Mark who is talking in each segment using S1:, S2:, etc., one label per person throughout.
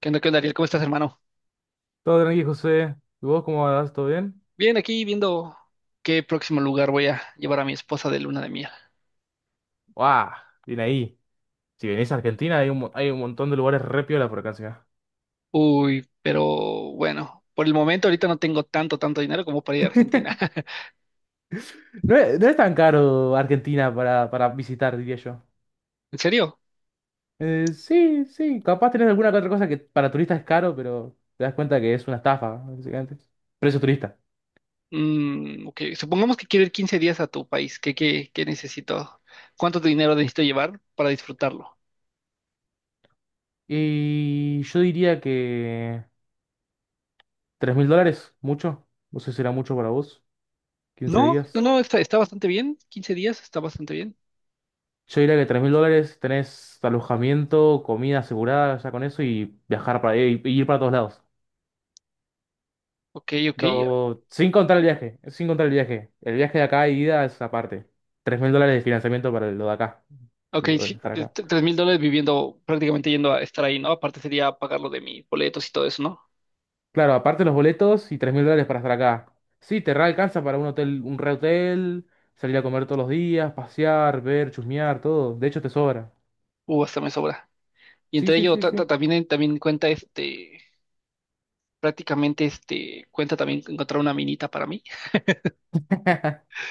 S1: Qué onda, Ariel? ¿Cómo estás, hermano?
S2: Todo tranqui, José. ¿Y vos cómo vas? ¿Todo bien?
S1: Bien, aquí viendo qué próximo lugar voy a llevar a mi esposa de luna de miel.
S2: ¡Guau! Bien ahí. Si venís a Argentina, hay un, hay un montón de lugares re piola por acá encima.
S1: Uy, pero bueno, por el momento ahorita no tengo tanto dinero como para ir a Argentina.
S2: No es tan caro Argentina para visitar, diría yo.
S1: ¿En serio?
S2: Sí, sí. Capaz tenés alguna que otra cosa que para turistas es caro, pero te das cuenta que es una estafa, básicamente. Precio turista.
S1: Ok, supongamos que quiero ir 15 días a tu país. ¿Qué necesito? ¿Cuánto dinero necesito llevar para disfrutarlo?
S2: Y yo diría que... ¿Tres mil dólares? ¿Mucho? No sé si será mucho para vos. ¿15
S1: No, no,
S2: días?
S1: no, está bastante bien. 15 días está bastante bien.
S2: Yo diría que 3 mil dólares tenés alojamiento, comida asegurada ya con eso y viajar para y ir para todos lados.
S1: Ok, ok.
S2: Sin contar el viaje, sin contar el viaje. El viaje de acá y ida es aparte. Tres mil dólares de financiamiento para lo de acá,
S1: Ok,
S2: lo de
S1: sí,
S2: estar acá.
S1: 3 mil dólares viviendo, prácticamente yendo a estar ahí, ¿no? Aparte sería pagar lo de mis boletos y todo eso, ¿no?
S2: Claro, aparte los boletos y 3 mil dólares para estar acá. Sí, te re alcanza para un hotel, un re hotel, salir a comer todos los días, pasear, ver, chusmear, todo. De hecho, te sobra.
S1: Hasta me sobra. Y
S2: Sí,
S1: entre
S2: sí,
S1: ello
S2: sí,
S1: ta-
S2: sí.
S1: ta- también, eh, también cuenta este, prácticamente este, cuenta también encontrar una minita para mí.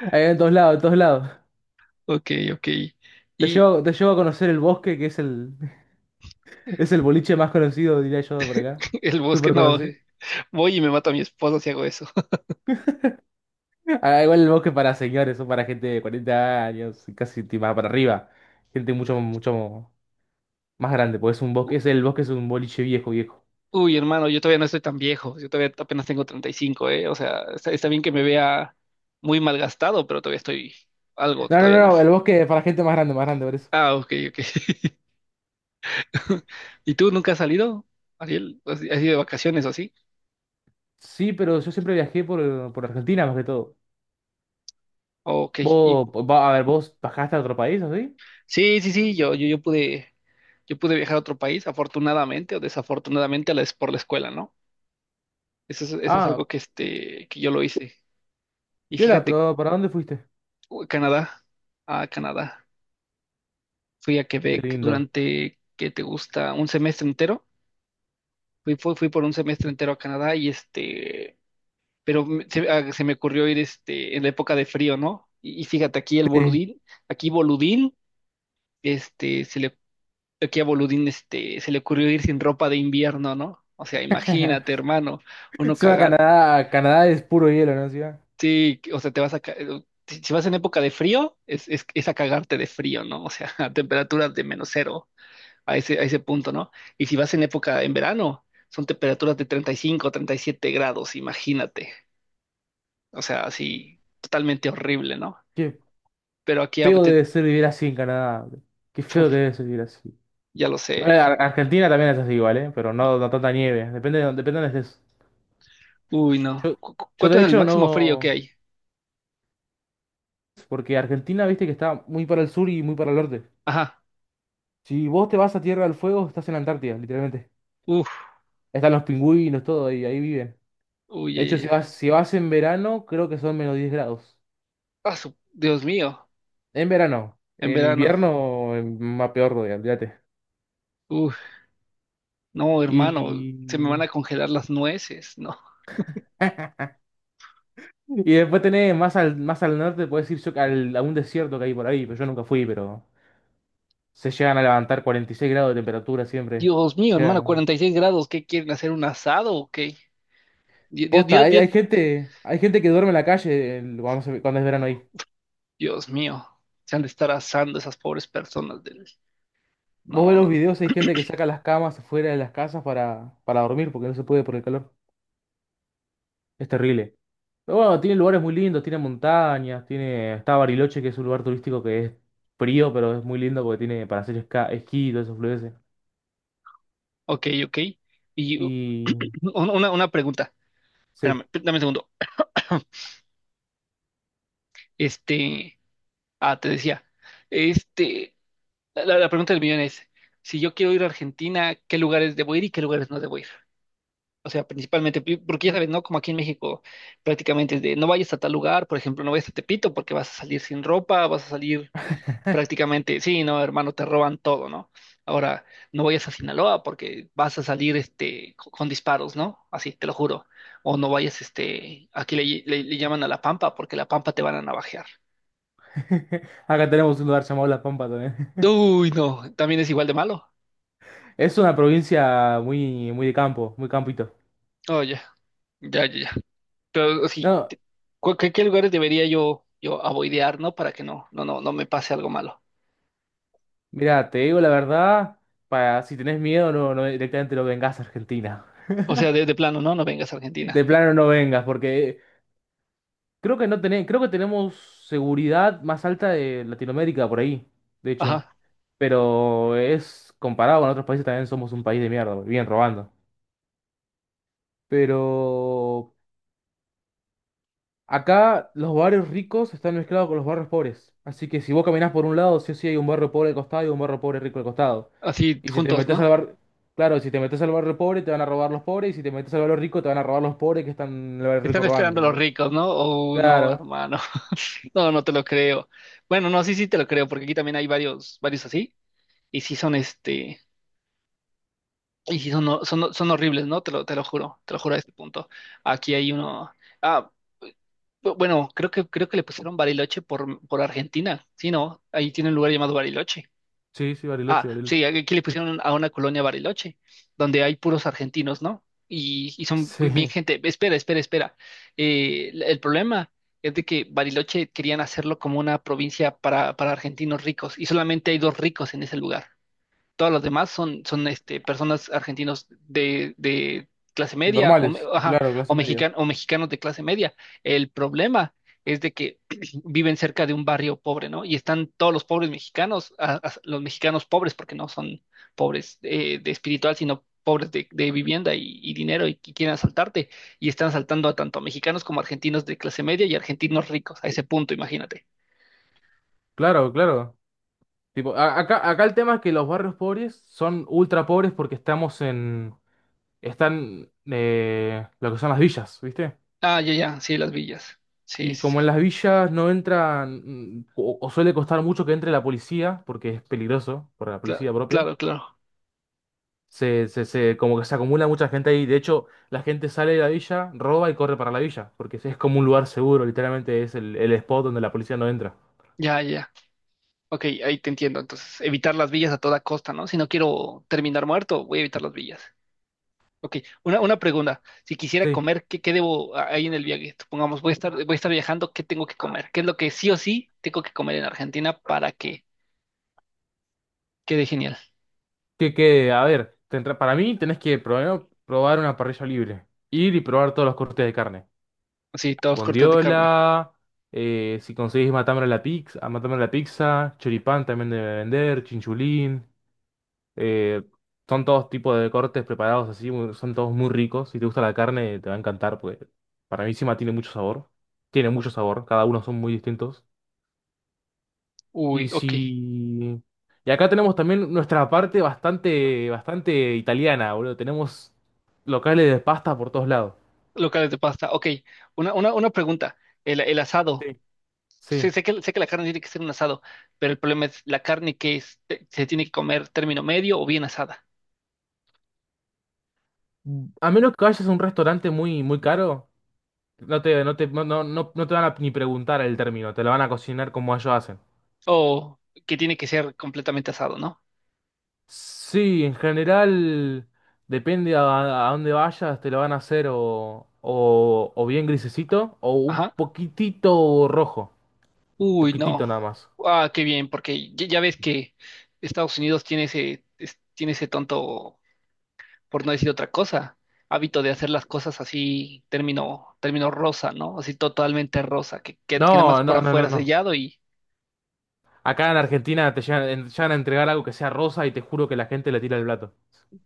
S2: En todos lados, en todos lados.
S1: Ok, ok. Y
S2: Te llevo a conocer el bosque que es el. Es el boliche más conocido, diría yo, por acá.
S1: el bosque,
S2: Súper
S1: no,
S2: conocido.
S1: voy y me mato a mi esposo si hago eso.
S2: Ah, igual el bosque para señores, son para gente de 40 años, casi más para arriba. Gente mucho, mucho más grande, porque es un bosque, es el bosque es un boliche viejo, viejo.
S1: Uy, hermano, yo todavía no estoy tan viejo, yo todavía apenas tengo 35, ¿eh? O sea, está bien que me vea muy malgastado, pero todavía estoy algo,
S2: No, no,
S1: todavía no.
S2: no, el bosque es para gente más grande, por eso.
S1: Ah, ok, ok. ¿Y tú nunca has salido, Ariel? ¿Has ido de vacaciones o así?
S2: Sí, pero yo siempre viajé por Argentina, más que todo.
S1: Ok,
S2: Vos, a ver, vos bajaste a otro país, ¿así?
S1: sí, sí, sí, yo pude viajar a otro país, afortunadamente o desafortunadamente, es por la escuela, ¿no? Eso es
S2: Ah,
S1: algo que, este, que yo lo hice. Y
S2: Viola,
S1: fíjate,
S2: pero ¿para dónde fuiste?
S1: uy, a Canadá. Fui a
S2: Qué
S1: Quebec
S2: lindo.
S1: durante, ¿qué te gusta? Un semestre entero. Fui por un semestre entero a Canadá y este, pero se me ocurrió ir este, en la época de frío, ¿no? Y fíjate,
S2: Sí.
S1: aquí boludín, este, se le Aquí a Boludín este, se le ocurrió ir sin ropa de invierno, ¿no? O sea, imagínate, hermano, uno
S2: Se va a
S1: cagar.
S2: Canadá, Canadá es puro hielo, ¿no? Sí,
S1: Sí, o sea, te vas a. ca- Si si vas en época de frío, es a cagarte de frío, ¿no? O sea, a temperaturas de menos cero, a ese punto, ¿no? Y si vas en época en verano, son temperaturas de 30 35, 37 grados, imagínate. O sea, así, totalmente horrible, ¿no? Pero aquí,
S2: feo debe ser vivir así en Canadá. Qué feo que
S1: uf,
S2: debe ser vivir así.
S1: ya lo
S2: Igual
S1: sé.
S2: Argentina también es así igual, ¿eh? Pero no, no tanta nieve. Depende de dónde estés.
S1: Uy, no.
S2: Yo,
S1: ¿Cu- cu-
S2: yo
S1: ¿Cuánto
S2: de
S1: es el
S2: hecho
S1: máximo frío que
S2: no...
S1: hay?
S2: Porque Argentina, viste que está muy para el sur y muy para el norte.
S1: Ajá.
S2: Si vos te vas a Tierra del Fuego, estás en la Antártida, literalmente.
S1: Uf.
S2: Están los pingüinos, todo, y ahí viven.
S1: Uy,
S2: De
S1: ya, ya,
S2: hecho,
S1: ya.
S2: si vas en verano, creo que son menos diez grados.
S1: Ah, Dios mío,
S2: En verano.
S1: en
S2: En
S1: verano.
S2: invierno, más peor, olvídate.
S1: Uf, no, hermano, se me
S2: Y...
S1: van a congelar las nueces, no.
S2: Y después tenés más al norte, puedes ir a un desierto que hay por ahí, pero yo nunca fui, pero se llegan a levantar 46 grados de temperatura siempre.
S1: Dios
S2: O
S1: mío, hermano,
S2: sea,
S1: 46 grados, ¿qué quieren hacer? ¿Un asado o qué? Dios, Dios,
S2: posta,
S1: Dios,
S2: hay,
S1: Dios,
S2: hay gente que duerme en la calle cuando, cuando es verano ahí.
S1: Dios mío, se han de estar asando esas pobres personas del...
S2: Vos
S1: No,
S2: ves
S1: no,
S2: los
S1: no.
S2: videos, hay gente que saca las camas afuera de las casas para dormir porque no se puede por el calor. Es terrible. Pero bueno, tiene lugares muy lindos, tiene montañas, tiene, está Bariloche, que es un lugar turístico que es frío, pero es muy lindo porque tiene para hacer esquí y todo eso florece.
S1: Ok, ok. Y u-
S2: Y
S1: una, una pregunta,
S2: sí.
S1: espérame, dame un segundo. Este, te decía, este, la pregunta del millón es, si yo quiero ir a Argentina, ¿qué lugares debo ir y qué lugares no debo ir? O sea, principalmente, porque ya sabes, ¿no? Como aquí en México prácticamente es de no vayas a tal lugar, por ejemplo, no vayas a Tepito porque vas a salir sin ropa, vas a salir prácticamente, sí, no, hermano, te roban todo, ¿no? Ahora, no vayas a Sinaloa porque vas a salir este, con disparos, ¿no? Así, te lo juro. O no vayas, este, aquí le llaman a La Pampa porque La Pampa te van a navajear.
S2: Acá tenemos un lugar llamado La Pampa también.
S1: Uy, no, también es igual de malo.
S2: Es una provincia muy, muy de campo, muy campito.
S1: Oye, ya, ya, ya. Ya. Pero sí,
S2: No,
S1: ¿qué lugares debería yo avoidear, ¿no? Para que no me pase algo malo.
S2: mira, te digo la verdad, para si tenés miedo, no, no directamente no vengas a Argentina.
S1: O sea, de plano, ¿no? No vengas a
S2: De
S1: Argentina.
S2: plano no vengas, porque creo que no tenés, creo que tenemos seguridad más alta de Latinoamérica por ahí, de hecho.
S1: Ajá.
S2: Pero es comparado con otros países, también somos un país de mierda, bien robando. Pero acá los barrios ricos están mezclados con los barrios pobres. Así que si vos caminás por un lado, sí o sí hay un barrio pobre al costado y un barrio pobre rico al costado.
S1: Así
S2: Y si te
S1: juntos,
S2: metes
S1: ¿no?
S2: al barrio... Claro, si te metes al barrio pobre te van a robar los pobres y si te metes al barrio rico te van a robar los pobres que están en el barrio
S1: Están
S2: rico
S1: esperando
S2: robando.
S1: los
S2: ¿Entendés?
S1: ricos, ¿no? Oh, no,
S2: Claro.
S1: hermano. No, no te lo creo. Bueno, no, sí, sí te lo creo, porque aquí también hay varios, varios así. Y sí son este, y sí son, no, son horribles, ¿no? Te lo juro a este punto. Aquí hay uno. Ah, bueno, creo que le pusieron Bariloche por Argentina. Sí, ¿no? Ahí tiene un lugar llamado Bariloche.
S2: Sí, sí,
S1: Ah,
S2: Bariloche, Bariloche.
S1: sí, aquí le pusieron a una colonia Bariloche, donde hay puros argentinos, ¿no? Y son bien
S2: Sí.
S1: gente. Espera, espera, espera. El problema es de que Bariloche querían hacerlo como una provincia para argentinos ricos y solamente hay dos ricos en ese lugar, todos los demás personas argentinos de clase media
S2: Normales,
S1: ajá,
S2: claro, clase media.
S1: o mexicanos de clase media. El problema es de que viven cerca de un barrio pobre, ¿no? Y están todos los pobres mexicanos, los mexicanos pobres, porque no son pobres de espiritual, sino pobres de vivienda y dinero que quieren asaltarte. Y están asaltando a tanto mexicanos como argentinos de clase media y argentinos ricos, a ese punto, imagínate.
S2: Claro, claro. Tipo, acá, acá el tema es que los barrios pobres son ultra pobres porque estamos en... Están lo que son las villas, ¿viste?
S1: Ah, ya, ya, sí, las villas. Sí,
S2: Y
S1: sí, sí.
S2: como en las villas no entran, o suele costar mucho que entre la policía, porque es peligroso para la policía propia,
S1: Claro, claro.
S2: como que se acumula mucha gente ahí. De hecho, la gente sale de la villa, roba y corre para la villa, porque es como un lugar seguro, literalmente es el spot donde la policía no entra.
S1: Ya, ya. Ok, ahí te entiendo. Entonces, evitar las villas a toda costa, ¿no? Si no quiero terminar muerto, voy a evitar las villas. Ok, una pregunta. Si quisiera
S2: Sí,
S1: comer, ¿qué debo ahí en el viaje? Supongamos, voy a estar viajando, ¿qué tengo que comer? ¿Qué es lo que sí o sí tengo que comer en Argentina para que quede genial?
S2: que a ver, para mí tenés que primero probar una parrilla libre, ir y probar todos los cortes de carne.
S1: Así, todos cortes de carne.
S2: Bondiola, si conseguís matambre a la pizza, matambre a la pizza, choripán también debe vender, chinchulín. Eh, son todos tipos de cortes preparados así, son todos muy ricos. Si te gusta la carne, te va a encantar, porque para mí encima tiene mucho sabor. Tiene mucho sabor, cada uno son muy distintos.
S1: Uy,
S2: Y
S1: ok.
S2: si... Y acá tenemos también nuestra parte bastante, bastante italiana, boludo. Tenemos locales de pasta por todos lados.
S1: Locales de pasta. Ok, una pregunta. El asado.
S2: Sí. Sí.
S1: Sé que la carne tiene que ser un asado, pero el problema es, ¿la carne que es? ¿Se tiene que comer término medio o bien asada?
S2: A menos que vayas a un restaurante muy, muy caro, no te van a ni preguntar el término, te lo van a cocinar como ellos hacen.
S1: O que tiene que ser completamente asado, ¿no?
S2: Sí, en general depende a dónde vayas, te lo van a hacer o bien grisecito o un
S1: Ajá.
S2: poquitito rojo,
S1: Uy,
S2: poquitito nada
S1: no.
S2: más.
S1: Ah, qué bien, porque ya ves que Estados Unidos tiene ese tonto, por no decir otra cosa, hábito de hacer las cosas así, término rosa, ¿no? Así totalmente rosa, que nada más por afuera
S2: No.
S1: sellado y
S2: Acá en Argentina te llegan, llegan a entregar algo que sea rosa y te juro que la gente le tira el plato.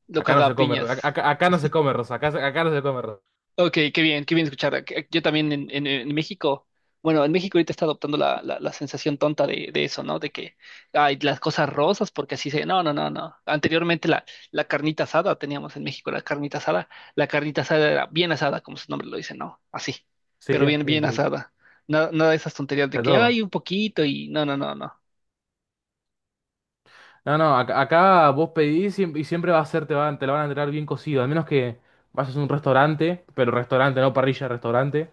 S1: lo
S2: Acá no
S1: caga
S2: se
S1: a
S2: come,
S1: piñas.
S2: acá, acá no se come rosa, acá, acá no se come rosa.
S1: Ok, qué bien escuchar. Yo también en México, bueno, en México ahorita está adoptando la, la sensación tonta de eso, ¿no? De que hay las cosas rosas, porque así se. No, no, no, no. Anteriormente la carnita asada teníamos en México, la carnita asada. La carnita asada era bien asada, como su nombre lo dice, ¿no? Así,
S2: Sí,
S1: pero bien,
S2: bien,
S1: bien asada. Nada, nada de esas tonterías de
S2: está
S1: que
S2: todo.
S1: hay un poquito y. No, no, no, no.
S2: No, no, acá, vos pedís y siempre va a ser, te van, te la van a entregar bien cocido, al menos que vayas a un restaurante, pero restaurante, no parrilla, restaurante,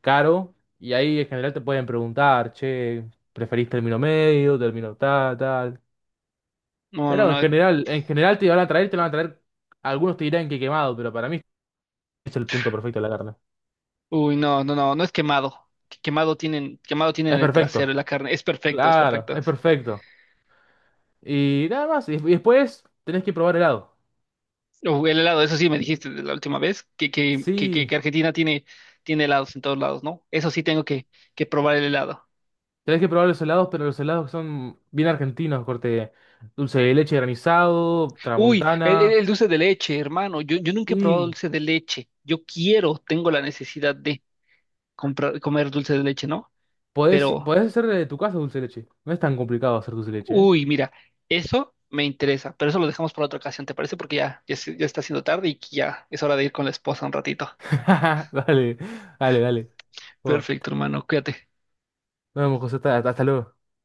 S2: caro, y ahí en general te pueden preguntar, che, ¿preferís término medio, término tal, tal?
S1: No, no,
S2: Pero
S1: no.
S2: en general te van a traer, te van a traer, algunos te dirán que quemado, pero para mí es el punto perfecto de la carne.
S1: Uy, no, no, no, no es quemado. Quemado tienen
S2: Es
S1: el trasero y la
S2: perfecto,
S1: carne. Es perfecto, es
S2: claro,
S1: perfecto.
S2: es
S1: Sí.
S2: perfecto. Y nada más, y después tenés que probar helado.
S1: O el helado, eso sí me dijiste de la última vez, que, que, que, que-
S2: Sí.
S1: que Argentina tiene helados en todos lados, ¿no? Eso sí tengo que probar el helado.
S2: Tenés que probar los helados, pero los helados que son bien argentinos, corte dulce de leche granizado,
S1: Uy, el, el-
S2: tramontana.
S1: el dulce de leche, hermano. Yo nunca he probado
S2: Y
S1: dulce de leche. Yo quiero, tengo la necesidad de comprar, comer dulce de leche, ¿no?
S2: podés,
S1: Pero,
S2: podés hacer de tu casa dulce de leche. No es tan complicado hacer dulce de leche, ¿eh?
S1: uy, mira, eso me interesa, pero eso lo dejamos para otra ocasión, ¿te parece? Porque ya está siendo tarde y ya es hora de ir con la esposa un ratito.
S2: Dale, dale, dale. Bueno,
S1: Perfecto, hermano, cuídate.
S2: nos vemos, José. Hasta, hasta luego.